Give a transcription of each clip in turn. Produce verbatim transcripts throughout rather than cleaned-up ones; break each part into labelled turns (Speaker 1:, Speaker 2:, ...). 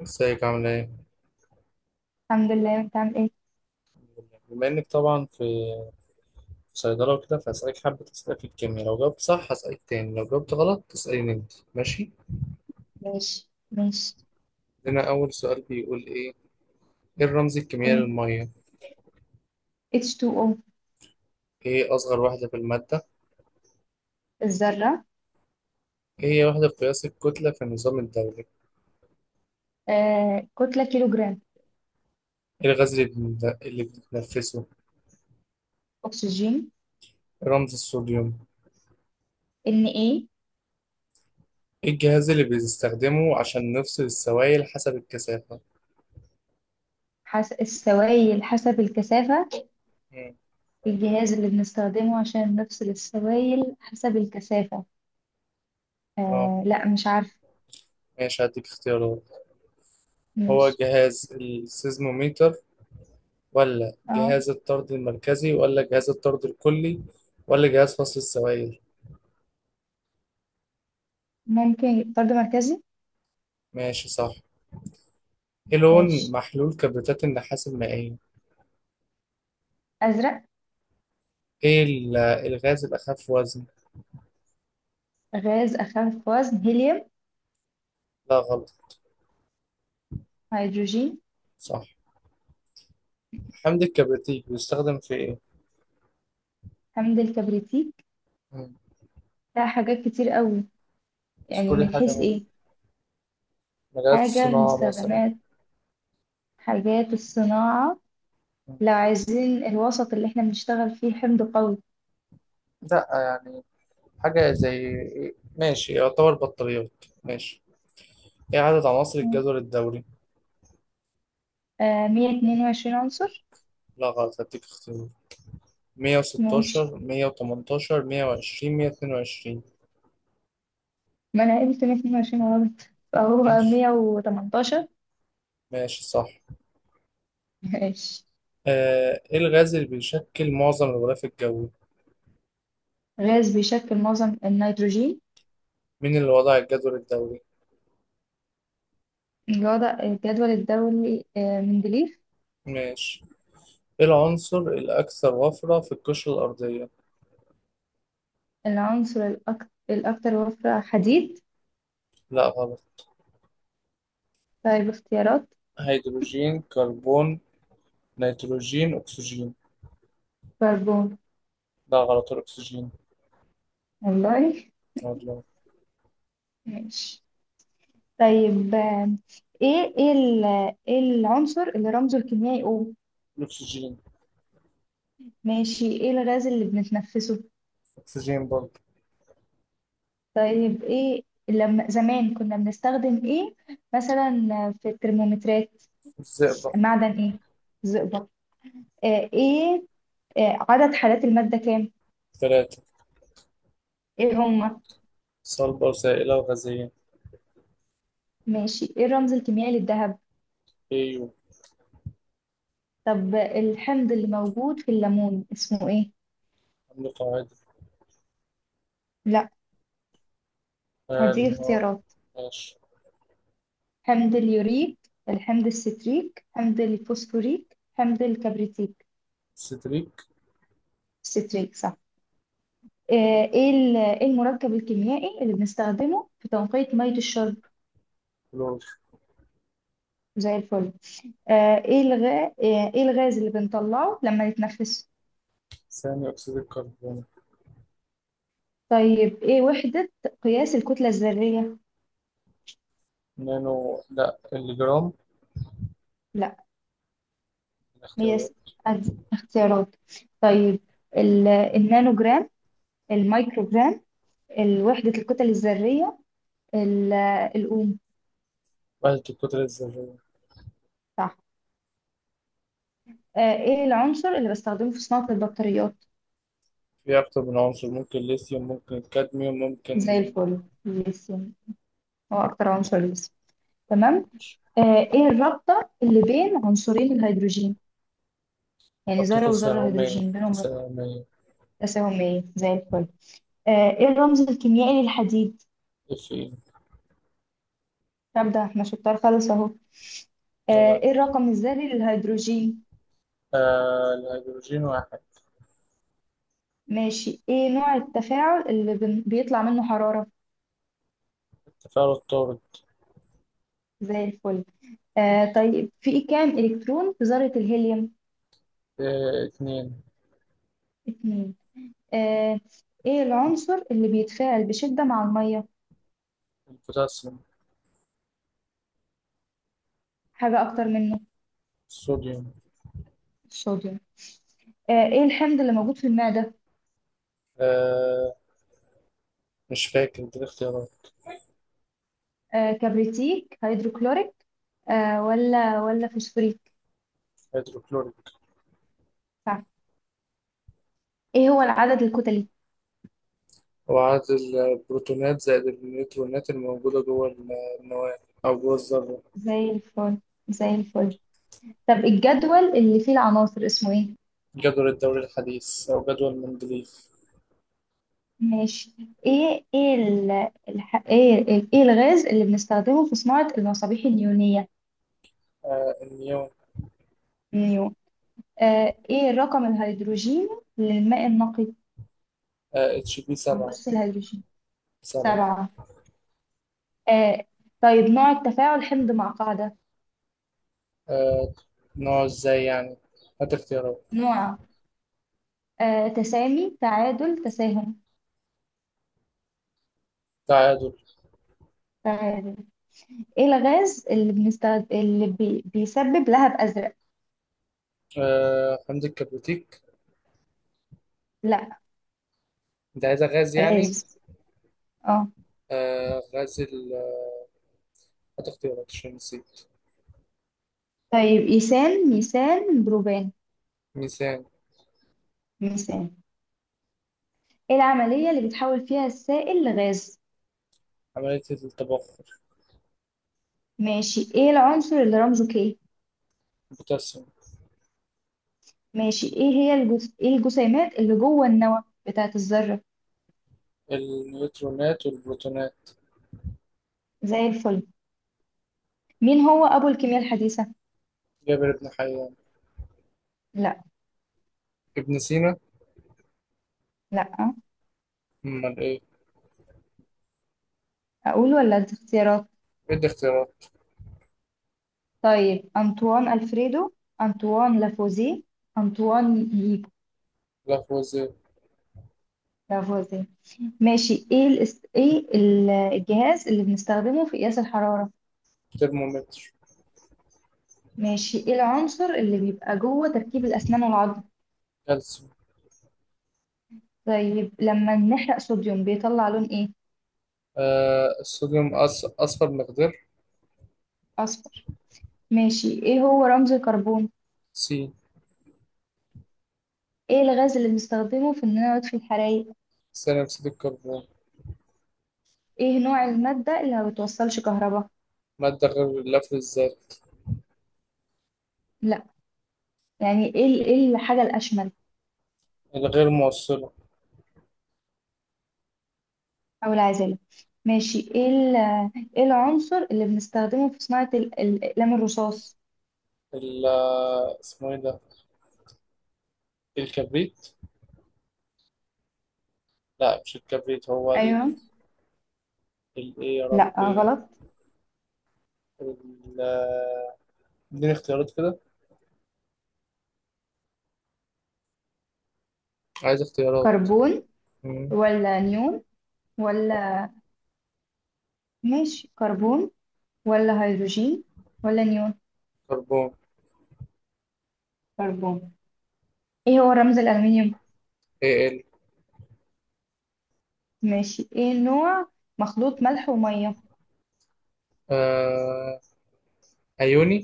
Speaker 1: ازيك عامل ايه؟
Speaker 2: الحمد لله، انت عامل ايه؟
Speaker 1: بما انك طبعا في في صيدلة وكده، فهسألك حبة أسئلة في الكيمياء، لو جاوبت صح هسألك تاني، لو جاوبت غلط تسأليني انت. ماشي؟
Speaker 2: ماشي ماشي
Speaker 1: هنا أول سؤال بيقول ايه؟ ايه الرمز الكيميائي
Speaker 2: ان
Speaker 1: للمية؟
Speaker 2: اتش تو أو.
Speaker 1: ايه أصغر وحدة في المادة؟
Speaker 2: الذرة.
Speaker 1: ايه هي وحدة قياس الكتلة في النظام الدولي؟
Speaker 2: آه كتلة كيلوغرام.
Speaker 1: ايه الغاز اللي بن- اللي بنتنفسه؟
Speaker 2: أكسجين.
Speaker 1: ايه رمز الصوديوم؟
Speaker 2: ان ايه؟
Speaker 1: ايه الجهاز اللي بنستخدمه عشان نفصل السوائل حسب الكثافة؟
Speaker 2: حس... السوائل حسب الكثافة.
Speaker 1: مم.
Speaker 2: الجهاز اللي بنستخدمه عشان نفصل السوائل حسب الكثافة.
Speaker 1: اه،
Speaker 2: آه، لا، مش عارفة.
Speaker 1: ماشي هديك اختيارات. هو
Speaker 2: ماشي.
Speaker 1: جهاز السيزموميتر، ولا
Speaker 2: اه.
Speaker 1: جهاز الطرد المركزي، ولا جهاز الطرد الكلي، ولا جهاز فصل السوائل؟
Speaker 2: ممكن طرد مركزي.
Speaker 1: ماشي، صح. ايه لون
Speaker 2: ماشي.
Speaker 1: محلول كبريتات النحاس المائية؟
Speaker 2: أزرق.
Speaker 1: ايه ال- الغاز الأخف وزن؟
Speaker 2: غاز أخف وزن هيليوم.
Speaker 1: لا، غلط.
Speaker 2: هيدروجين.
Speaker 1: صح. حمض الكبريتيك بيستخدم في ايه؟
Speaker 2: حمض الكبريتيك.
Speaker 1: مم.
Speaker 2: لا، حاجات كتير قوي. يعني
Speaker 1: اذكري
Speaker 2: من
Speaker 1: حاجة
Speaker 2: حيث
Speaker 1: من
Speaker 2: ايه؟
Speaker 1: مجالات
Speaker 2: حاجة من
Speaker 1: الصناعة مثلا.
Speaker 2: استخدامات حاجات الصناعة.
Speaker 1: مم.
Speaker 2: لو عايزين الوسط اللي احنا بنشتغل فيه حمض قوي.
Speaker 1: لا، يعني حاجة زي إيه؟ ماشي، يعتبر بطاريات. ماشي. ايه عدد عناصر
Speaker 2: مم.
Speaker 1: الجدول الدوري؟
Speaker 2: آه مية اتنين وعشرين عنصر.
Speaker 1: لا، غلط. هديك اختيار:
Speaker 2: ماشي،
Speaker 1: مية وستاشر، مئة وثمانية عشر، مية وعشرين، مية واتنين وعشرين.
Speaker 2: ما أنا قلت مية اتنين وعشرين غلط. فهو
Speaker 1: ماشي.
Speaker 2: مية وتمنتاشر.
Speaker 1: ماشي، صح.
Speaker 2: ماشي.
Speaker 1: آه، ايه الغاز اللي بيشكل معظم الغلاف الجوي؟
Speaker 2: غاز بيشكل معظم النيتروجين.
Speaker 1: مين اللي وضع الجدول الدوري؟
Speaker 2: الوضع الجدول الدوري، آه، مندليف.
Speaker 1: ماشي. ايه العنصر الاكثر وفرة في القشرة الارضية؟
Speaker 2: العنصر الأك- الأكثر وفرة حديد.
Speaker 1: لا، غلط.
Speaker 2: طيب، اختيارات.
Speaker 1: هيدروجين، كربون، نيتروجين، اكسجين.
Speaker 2: كربون.
Speaker 1: لا، غلط، الاكسجين.
Speaker 2: والله.
Speaker 1: والله.
Speaker 2: ماشي. طيب، آه، ايه ايه ال- إيه العنصر اللي رمزه الكيميائي O؟
Speaker 1: الاكسجين.
Speaker 2: ماشي، ايه الغاز اللي بنتنفسه؟
Speaker 1: اكسجين برضه.
Speaker 2: طيب، ايه لما زمان كنا بنستخدم ايه مثلا في الترمومترات؟
Speaker 1: الزئبق.
Speaker 2: معدن ايه؟ زئبق. آه ايه آه عدد حالات المادة كام؟
Speaker 1: ثلاثة.
Speaker 2: ايه هما؟
Speaker 1: صلبة وسائلة وغازية.
Speaker 2: ماشي، ايه الرمز الكيميائي للذهب؟
Speaker 1: ايوه.
Speaker 2: طب الحمض اللي موجود في الليمون اسمه ايه؟
Speaker 1: عندي قاعدة.
Speaker 2: لا.
Speaker 1: آه،
Speaker 2: هدي
Speaker 1: اللي هو.
Speaker 2: اختيارات.
Speaker 1: ماشي.
Speaker 2: حمض اليوريك، الحمض الستريك، حمض الفوسفوريك، حمض الكبريتيك.
Speaker 1: سيتريك.
Speaker 2: ستريك، صح. آه، ايه ال- إيه المركب الكيميائي اللي بنستخدمه في تنقية مية الشرب؟
Speaker 1: كلور.
Speaker 2: زي الفل. آه، ايه الغاز ايه الغاز اللي بنطلعه لما نتنفسه؟
Speaker 1: ثاني أكسيد الكربون.
Speaker 2: طيب، ايه وحدة قياس الكتلة الذرية؟
Speaker 1: نانو، لا الجرام.
Speaker 2: لا. مقياس،
Speaker 1: الاختيارات.
Speaker 2: أدي اختيارات. طيب، ال- النانو جرام، المايكرو جرام، وحدة الكتل الذرية، ال- الأوم.
Speaker 1: وحدة الكتلة الذرية.
Speaker 2: صح. آه، ايه العنصر اللي بستخدمه في صناعة البطاريات؟
Speaker 1: في أكتر من عنصر، ممكن ليثيوم، ممكن الكادميوم،
Speaker 2: زي
Speaker 1: ممكن.
Speaker 2: الفل، ليثيوم. هو أكتر عنصر ليثيوم. تمام. آه، ايه الرابطة اللي بين عنصرين الهيدروجين؟ يعني
Speaker 1: ربطة
Speaker 2: ذرة وذرة
Speaker 1: تساهمية
Speaker 2: هيدروجين بينهم رابطة؟
Speaker 1: تساهمية.
Speaker 2: تساهم، ايه، زي الفل. آه، ايه الرمز الكيميائي للحديد؟
Speaker 1: اف اي.
Speaker 2: طب ده احنا شطار خالص اهو.
Speaker 1: عيب
Speaker 2: آه، ايه
Speaker 1: عليك.
Speaker 2: الرقم الذري للهيدروجين؟
Speaker 1: آه الهيدروجين واحد.
Speaker 2: ماشي، ايه نوع التفاعل اللي بن- بيطلع منه حرارة؟
Speaker 1: التفاعل الطارد.
Speaker 2: زي الفل. آه، طيب، في كام الكترون في ذرة الهيليوم؟
Speaker 1: آه اتنين.
Speaker 2: اتنين. آه، ايه العنصر اللي بيتفاعل بشدة مع المية؟
Speaker 1: البوتاسيوم.
Speaker 2: حاجة اكتر منه.
Speaker 1: الصوديوم.
Speaker 2: الصوديوم. آه، ايه الحمض اللي موجود في المعدة؟
Speaker 1: آه مش فاكر، دي الاختيارات.
Speaker 2: آه كبريتيك، هيدروكلوريك، آه ولا ولا فوسفوريك.
Speaker 1: هيدروكلوريك.
Speaker 2: صح. ايه هو العدد الكتلي؟
Speaker 1: هو عدد البروتونات زائد النيوترونات الموجودة جوه النواة، أو جوه الذرة.
Speaker 2: زي الفل، زي الفل. طب الجدول اللي فيه العناصر اسمه ايه؟
Speaker 1: جدول الدوري الحديث، أو جدول مندليف.
Speaker 2: ماشي. ايه ايه ال... الح... ايه ال- ايه الغاز اللي بنستخدمه في صناعة المصابيح النيونية؟
Speaker 1: آه النيون.
Speaker 2: نيو. آه ايه الرقم الهيدروجيني للماء النقي؟
Speaker 1: آه اتش بي
Speaker 2: او
Speaker 1: سبعة
Speaker 2: بص الهيدروجين.
Speaker 1: سبعة.
Speaker 2: سبعة. آه طيب، نوع التفاعل حمض مع قاعدة؟
Speaker 1: آه نوع ازاي يعني؟ هات اختيارات.
Speaker 2: نوع، آه تسامي، تعادل، تساهم.
Speaker 1: تعادل.
Speaker 2: تعادل. ايه الغاز اللي بنستخد... اللي بي... بيسبب لهب ازرق؟
Speaker 1: آه حمض الكبريتيك.
Speaker 2: لا.
Speaker 1: انت عايزها غاز
Speaker 2: غاز.
Speaker 1: يعني.
Speaker 2: اه.
Speaker 1: آه غاز ال هات اختيارات عشان نسيت.
Speaker 2: طيب، ايثان، ميثان، بروبان.
Speaker 1: ميثان.
Speaker 2: ميثان. ايه العملية اللي بتحول فيها السائل لغاز؟
Speaker 1: عملية التبخر.
Speaker 2: ماشي، ايه العنصر اللي رمزه كي؟
Speaker 1: البوتاسيوم.
Speaker 2: ماشي، ايه هي الجز... ايه الجسيمات اللي جوه النواة بتاعة الذرة؟
Speaker 1: النيوترونات والبروتونات.
Speaker 2: زي الفل. مين هو ابو الكيمياء الحديثة؟
Speaker 1: جابر بن حيان.
Speaker 2: لا.
Speaker 1: ابن سينا.
Speaker 2: لا، آه.
Speaker 1: امال ايه؟
Speaker 2: اقول ولا أدي اختيارات؟
Speaker 1: ادي اختيارات.
Speaker 2: طيب، انطوان الفريدو، انطوان لافوزيه، انطوان ييجو.
Speaker 1: لافوازير.
Speaker 2: لافوزيه. ماشي، ايه الاس... ايه ال- الجهاز اللي بنستخدمه في قياس الحرارة؟
Speaker 1: ترمومتر.
Speaker 2: ماشي، ايه العنصر اللي بيبقى جوه تركيب الأسنان والعظم؟
Speaker 1: كالسيوم.
Speaker 2: طيب، لما نحرق صوديوم بيطلع لون ايه؟
Speaker 1: آه الصوديوم، أص- اصفر مقدار.
Speaker 2: أصفر. ماشي، ايه هو رمز الكربون؟
Speaker 1: سي.
Speaker 2: ايه الغاز اللي بنستخدمه في اننا نطفي الحرايق؟
Speaker 1: ثاني اكسيد الكربون.
Speaker 2: ايه نوع المادة اللي ما بتوصلش كهرباء؟
Speaker 1: مادة غير اللفظ الذري.
Speaker 2: لا. يعني ايه ال- ايه الحاجة الأشمل؟
Speaker 1: الغير موصلة.
Speaker 2: أو العازلة. ماشي. ايه ال... ايه العنصر اللي بنستخدمه في صناعة ال- الأقلام الرصاص؟
Speaker 1: ال- اسمه ايه ده؟ الكبريت. لا، مش الكبريت، هو ال
Speaker 2: ايوه.
Speaker 1: ال- ايه يا
Speaker 2: لا
Speaker 1: ربي.
Speaker 2: غلط.
Speaker 1: ال- اديني اختيارات كده. عايز اختيارات.
Speaker 2: كربون
Speaker 1: مم.
Speaker 2: ولا نيون ولا، ماشي، كربون ولا هيدروجين ولا نيون.
Speaker 1: كربون.
Speaker 2: كربون. ايه هو رمز الألمنيوم؟
Speaker 1: اي ال.
Speaker 2: ماشي، ايه نوع مخلوط ملح ومية؟
Speaker 1: آه... ايوني.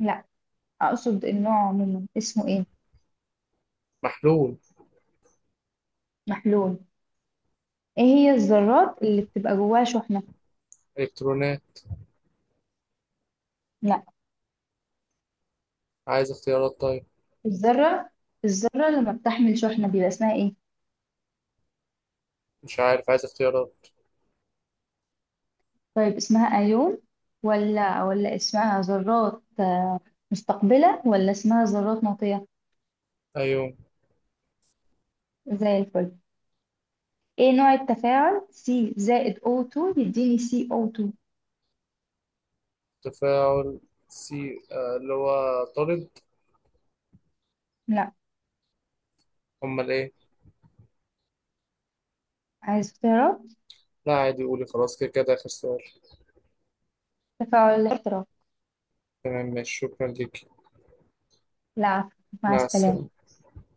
Speaker 2: لا. اقصد النوع عموما اسمه ايه؟
Speaker 1: محلول.
Speaker 2: محلول. ايه هي الذرات اللي بتبقى جواها شحنة؟
Speaker 1: الكترونات.
Speaker 2: لا.
Speaker 1: عايز اختيارات طيب.
Speaker 2: الذرة الذرة اللي ما بتحمل شحنة بيبقى اسمها ايه؟
Speaker 1: مش عارف، عايز اختيارات.
Speaker 2: طيب، اسمها ايون، ولا ولا اسمها ذرات آه، مستقبلة، ولا اسمها ذرات ناطية؟
Speaker 1: ايون.
Speaker 2: زي الفل. ايه نوع التفاعل سي زائد أو تو يديني سي أو اتنين؟
Speaker 1: تفاعل سي آه... اللي هو طارد.
Speaker 2: لا.
Speaker 1: امال ايه؟
Speaker 2: عايز اختيارات.
Speaker 1: لا، عادي قولي خلاص، كده كده اخر سؤال.
Speaker 2: تفاعل الاحتراق.
Speaker 1: تمام، ماشي، شكرا ليك.
Speaker 2: لا، عفوا. مع
Speaker 1: مع
Speaker 2: السلامة.
Speaker 1: السلامة.